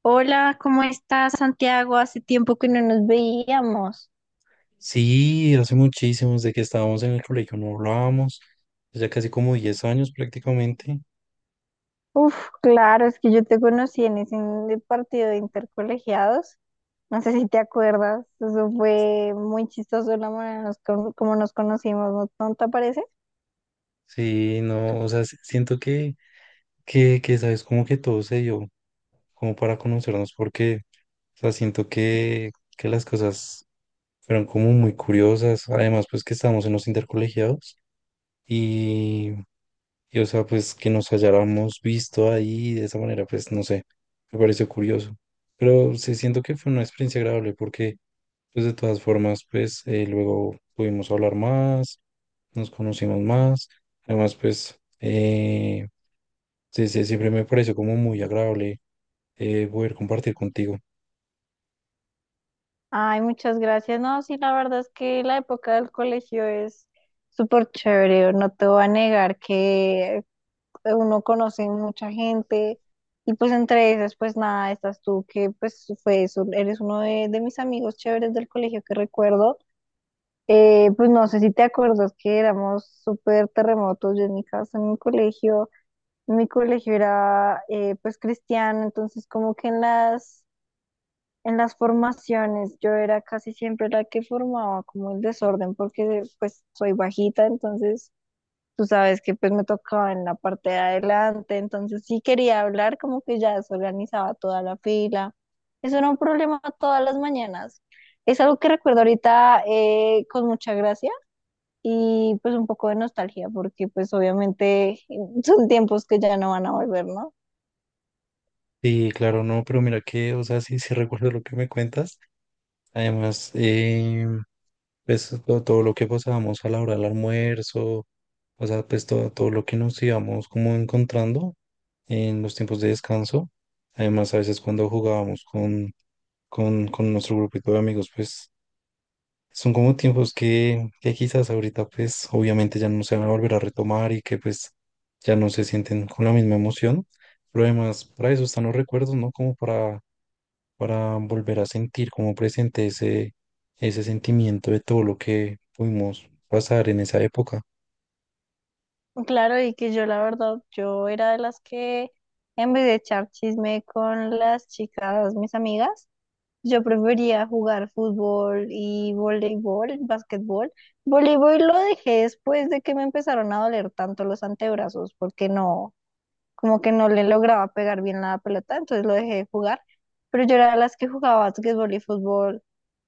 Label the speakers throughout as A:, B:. A: Hola, ¿cómo estás, Santiago? Hace tiempo que no nos veíamos.
B: Sí, hace muchísimos de que estábamos en el colegio no hablábamos, ya casi como 10 años prácticamente.
A: Uf, claro, es que yo te conocí en ese partido de intercolegiados. No sé si te acuerdas, eso fue muy chistoso la manera nos como nos conocimos, ¿no? ¿No te parece?
B: Sí, no, o sea, siento que, sabes, como que todo se dio, como para conocernos, porque, o sea, siento que las cosas fueron como muy curiosas, además, pues que estábamos en los intercolegiados y, y, o sea, pues que nos hayáramos visto ahí de esa manera, pues no sé, me pareció curioso. Pero sí siento que fue una experiencia agradable porque pues de todas formas, pues luego pudimos hablar más, nos conocimos más. Además, pues sí, sí, siempre me pareció como muy agradable poder compartir contigo.
A: Ay, muchas gracias. No, sí, la verdad es que la época del colegio es súper chévere. No te voy a negar que pues, uno conoce mucha gente y pues entre esas, pues nada, estás tú que pues fue eso, eres uno de mis amigos chéveres del colegio que recuerdo. Pues no sé si te acuerdas que éramos súper terremotos, yo en mi casa, en mi colegio era pues cristiano, entonces como que en las formaciones yo era casi siempre la que formaba como el desorden porque pues soy bajita, entonces tú sabes que pues me tocaba en la parte de adelante, entonces sí quería hablar, como que ya desorganizaba toda la fila. Eso era un problema todas las mañanas. Es algo que recuerdo ahorita con mucha gracia y pues un poco de nostalgia, porque pues obviamente son tiempos que ya no van a volver, ¿no?
B: Sí, claro, no, pero mira que, o sea, sí, sí recuerdo lo que me cuentas. Además, pues todo lo que pasábamos a la hora del almuerzo, o sea, pues todo lo que nos íbamos como encontrando en los tiempos de descanso. Además, a veces cuando jugábamos con nuestro grupito de amigos, pues son como tiempos que quizás ahorita pues obviamente ya no se van a volver a retomar y que pues ya no se sienten con la misma emoción, pero además para eso están los recuerdos, ¿no? Como para volver a sentir como presente ese, ese sentimiento de todo lo que pudimos pasar en esa época.
A: Claro, y que yo la verdad, yo era de las que en vez de echar chisme con las chicas, mis amigas, yo prefería jugar fútbol y voleibol, básquetbol. Voleibol lo dejé después de que me empezaron a doler tanto los antebrazos, porque no, como que no le lograba pegar bien la pelota, entonces lo dejé de jugar. Pero yo era de las que jugaba básquetbol y fútbol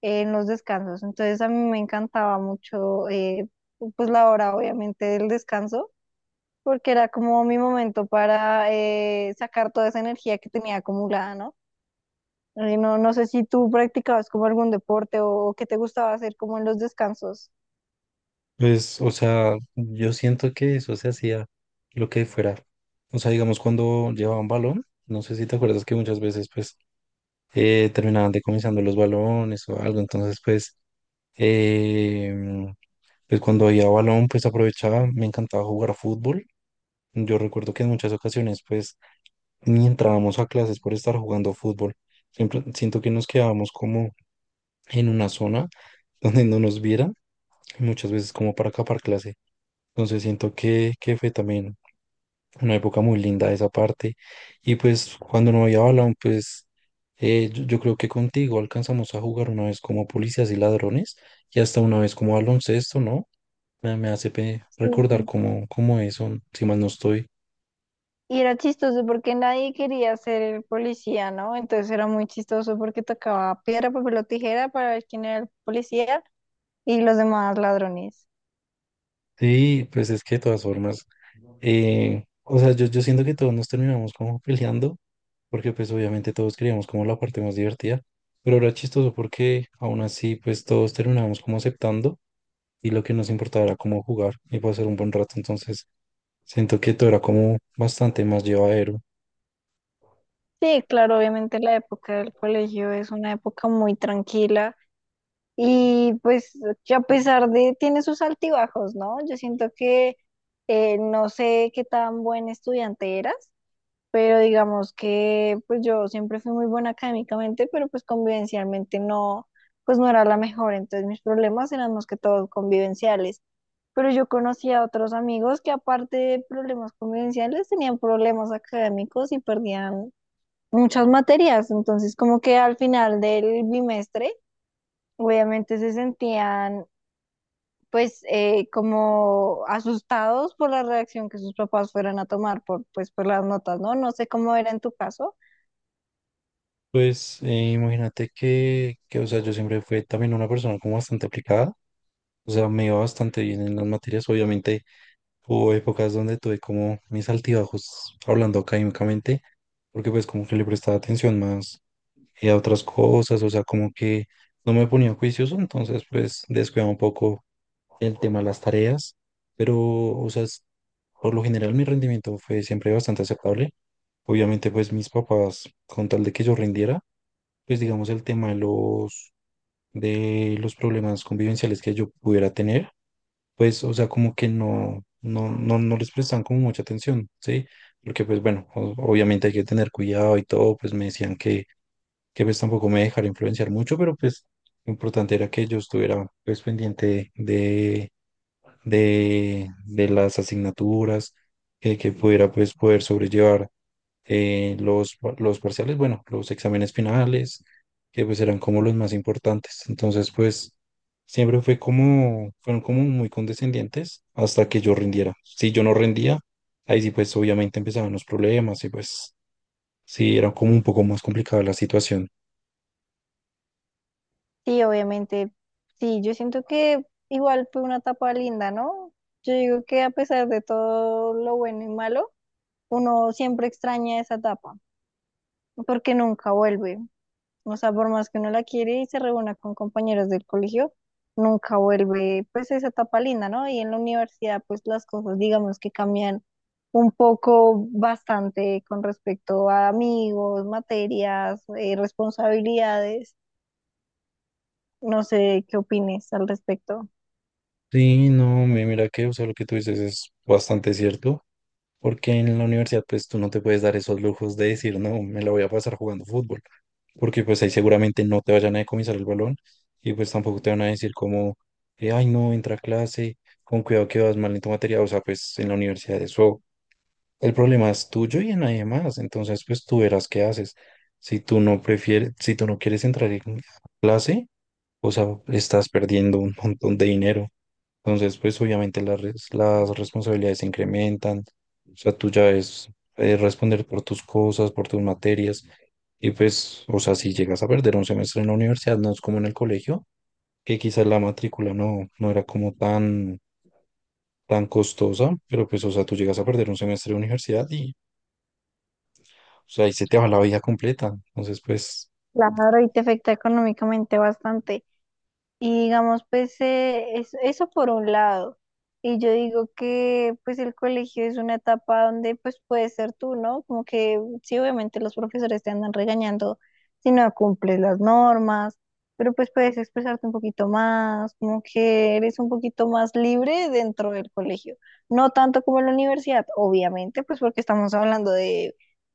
A: en los descansos, entonces a mí me encantaba mucho, pues la hora obviamente del descanso, porque era como mi momento para sacar toda esa energía que tenía acumulada, ¿no? Ay, no, no sé si tú practicabas como algún deporte o qué te gustaba hacer como en los descansos.
B: Pues, o sea, yo siento que eso se hacía lo que fuera. O sea, digamos cuando llevaban balón, no sé si te acuerdas que muchas veces pues terminaban decomisando los balones o algo, entonces Em, pues cuando había balón, pues aprovechaba, me encantaba jugar fútbol. Yo recuerdo que en muchas ocasiones, pues, ni entrábamos a clases por estar jugando fútbol. Siempre siento que nos quedábamos como en una zona donde no nos vieran, y muchas veces como para escapar clase. Entonces siento que, fue también una época muy linda esa parte. Y pues cuando no había balón, pues yo creo que contigo alcanzamos a jugar una vez como policías y ladrones y hasta una vez como baloncesto, ¿no? Me hace
A: Sí.
B: recordar cómo eso, si mal no estoy.
A: Y era chistoso porque nadie quería ser el policía, ¿no? Entonces era muy chistoso porque tocaba piedra, papel o tijera para ver quién era el policía y los demás ladrones.
B: Sí, pues es que de todas formas, o sea, yo siento que todos nos terminamos como peleando, porque pues obviamente todos queríamos como la parte más divertida, pero era chistoso porque aún así pues todos terminamos como aceptando y lo que nos importaba era como jugar y pasar un buen rato, entonces siento que todo era como bastante más llevadero.
A: Sí, claro, obviamente la época del colegio es una época muy tranquila y pues que a pesar de, tiene sus altibajos, ¿no? Yo siento que no sé qué tan buen estudiante eras, pero digamos que pues yo siempre fui muy buena académicamente, pero pues convivencialmente no, pues no era la mejor, entonces mis problemas eran más que todos convivenciales. Pero yo conocía a otros amigos que aparte de problemas convivenciales tenían problemas académicos y perdían muchas materias, entonces como que al final del bimestre obviamente se sentían pues como asustados por la reacción que sus papás fueran a tomar por pues por las notas, ¿no? No sé cómo era en tu caso.
B: Pues imagínate que, o sea, yo siempre fui también una persona como bastante aplicada. O sea, me iba bastante bien en las materias. Obviamente hubo épocas donde tuve como mis altibajos hablando académicamente, porque pues como que le prestaba atención más a otras cosas, o sea, como que no me ponía juicioso, entonces pues descuidaba un poco el tema de las tareas, pero o sea, por lo general mi rendimiento fue siempre bastante aceptable. Obviamente pues mis papás, con tal de que yo rindiera, pues digamos el tema de los, problemas convivenciales que yo pudiera tener pues, o sea, como que no les prestaban como mucha atención, ¿sí? Porque, pues, bueno, obviamente hay que tener cuidado y todo, pues me decían que, pues tampoco me dejara influenciar mucho, pero pues lo importante era que yo estuviera, pues, pendiente de las asignaturas, que, pudiera, pues, poder sobrellevar los, parciales, bueno, los exámenes finales, que pues eran como los más importantes. Entonces, pues siempre fue como, fueron como muy condescendientes hasta que yo rindiera. Si yo no rendía, ahí sí pues obviamente empezaban los problemas y pues sí, era como un poco más complicada la situación.
A: Sí, obviamente. Sí, yo siento que igual fue una etapa linda, ¿no? Yo digo que a pesar de todo lo bueno y malo, uno siempre extraña esa etapa, porque nunca vuelve. O sea, por más que uno la quiere y se reúna con compañeros del colegio, nunca vuelve, pues esa etapa linda, ¿no? Y en la universidad, pues las cosas, digamos que cambian un poco bastante con respecto a amigos, materias, responsabilidades. No sé qué opines al respecto.
B: Sí, no, mira que, o sea, lo que tú dices es bastante cierto, porque en la universidad pues tú no te puedes dar esos lujos de decir, no, me la voy a pasar jugando fútbol, porque pues ahí seguramente no te vayan a decomisar el balón y pues tampoco te van a decir como, ay no, entra a clase, con cuidado que vas mal en tu materia, o sea, pues en la universidad eso, el problema es tuyo y en nadie más, entonces pues tú verás qué haces. Si tú no prefieres, si tú no quieres entrar en clase, o sea, estás perdiendo un montón de dinero. Entonces, pues obviamente las, las responsabilidades se incrementan. O sea, tú ya es responder por tus cosas, por tus materias. Y pues, o sea, si llegas a perder un semestre en la universidad, no es como en el colegio, que quizás la matrícula no era como tan, costosa, pero pues, o sea, tú llegas a perder un semestre de universidad y, o sea, ahí se te va la vida completa. Entonces, pues,
A: Claro, y te afecta económicamente bastante. Y digamos, pues eso por un lado. Y yo digo que pues el colegio es una etapa donde pues puedes ser tú, ¿no? Como que sí, obviamente los profesores te andan regañando si no cumples las normas, pero pues puedes expresarte un poquito más, como que eres un poquito más libre dentro del colegio. No tanto como en la universidad, obviamente, pues porque estamos hablando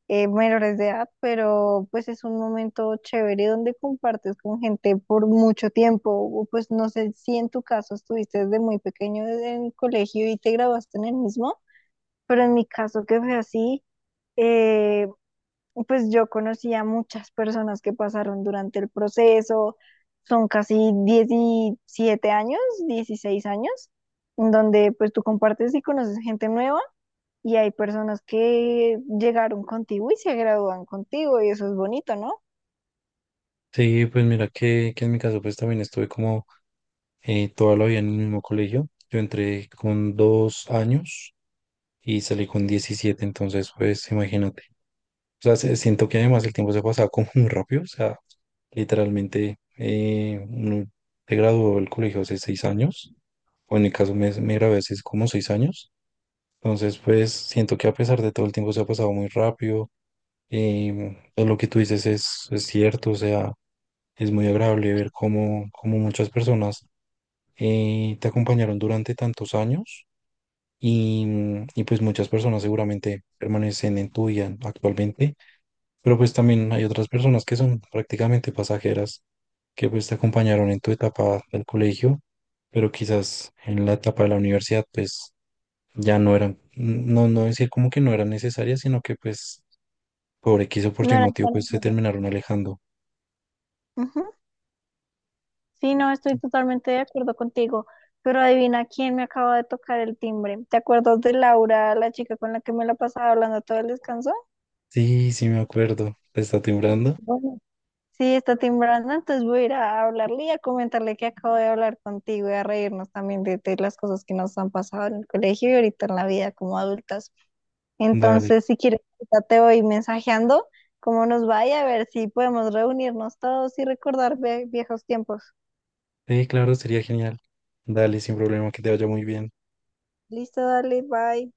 A: menores de edad, pero pues es un momento chévere donde compartes con gente por mucho tiempo. O pues no sé si en tu caso estuviste desde muy pequeño en el colegio y te graduaste en el mismo, pero en mi caso que fue así, eh, pues yo conocí a muchas personas que pasaron durante el proceso, son casi 17 años, 16 años, en donde pues tú compartes y conoces gente nueva y hay personas que llegaron contigo y se gradúan contigo, y eso es bonito, ¿no?
B: sí, pues mira que, en mi caso, pues también estuve como toda la vida en el mismo colegio. Yo entré con 2 años y salí con 17 entonces pues imagínate. O sea, siento que además el tiempo se pasaba como muy rápido, o sea, literalmente uno se graduó del colegio hace 6 años, o en mi caso me gradué hace como 6 años, entonces pues siento que a pesar de todo el tiempo se ha pasado muy rápido, todo lo que tú dices es cierto, o sea, es muy agradable ver cómo muchas personas te acompañaron durante tantos años y, y pues muchas personas seguramente permanecen en tu vida actualmente, pero pues también hay otras personas que son prácticamente pasajeras, que pues te acompañaron en tu etapa del colegio, pero quizás en la etapa de la universidad pues ya no eran, no decir como que no eran necesarias, sino que pues por X o por
A: No
B: Y
A: era
B: motivo
A: tan
B: pues se
A: bueno.
B: terminaron alejando.
A: Ujú. Sí, no, estoy totalmente de acuerdo contigo, pero adivina quién me acaba de tocar el timbre. ¿Te acuerdas de Laura, la chica con la que me la pasaba hablando todo el descanso?
B: Sí, sí me acuerdo, ¿te está timbrando?
A: Bueno, sí, está timbrando, entonces voy a ir a hablarle y a comentarle que acabo de hablar contigo y a reírnos también de las cosas que nos han pasado en el colegio y ahorita en la vida como adultas.
B: Dale,
A: Entonces, si quieres, ahorita te voy mensajeando cómo nos vaya, a ver si podemos reunirnos todos y recordar viejos tiempos.
B: sí, claro, sería genial. Dale, sin problema, que te vaya muy bien.
A: Listo, dale, bye.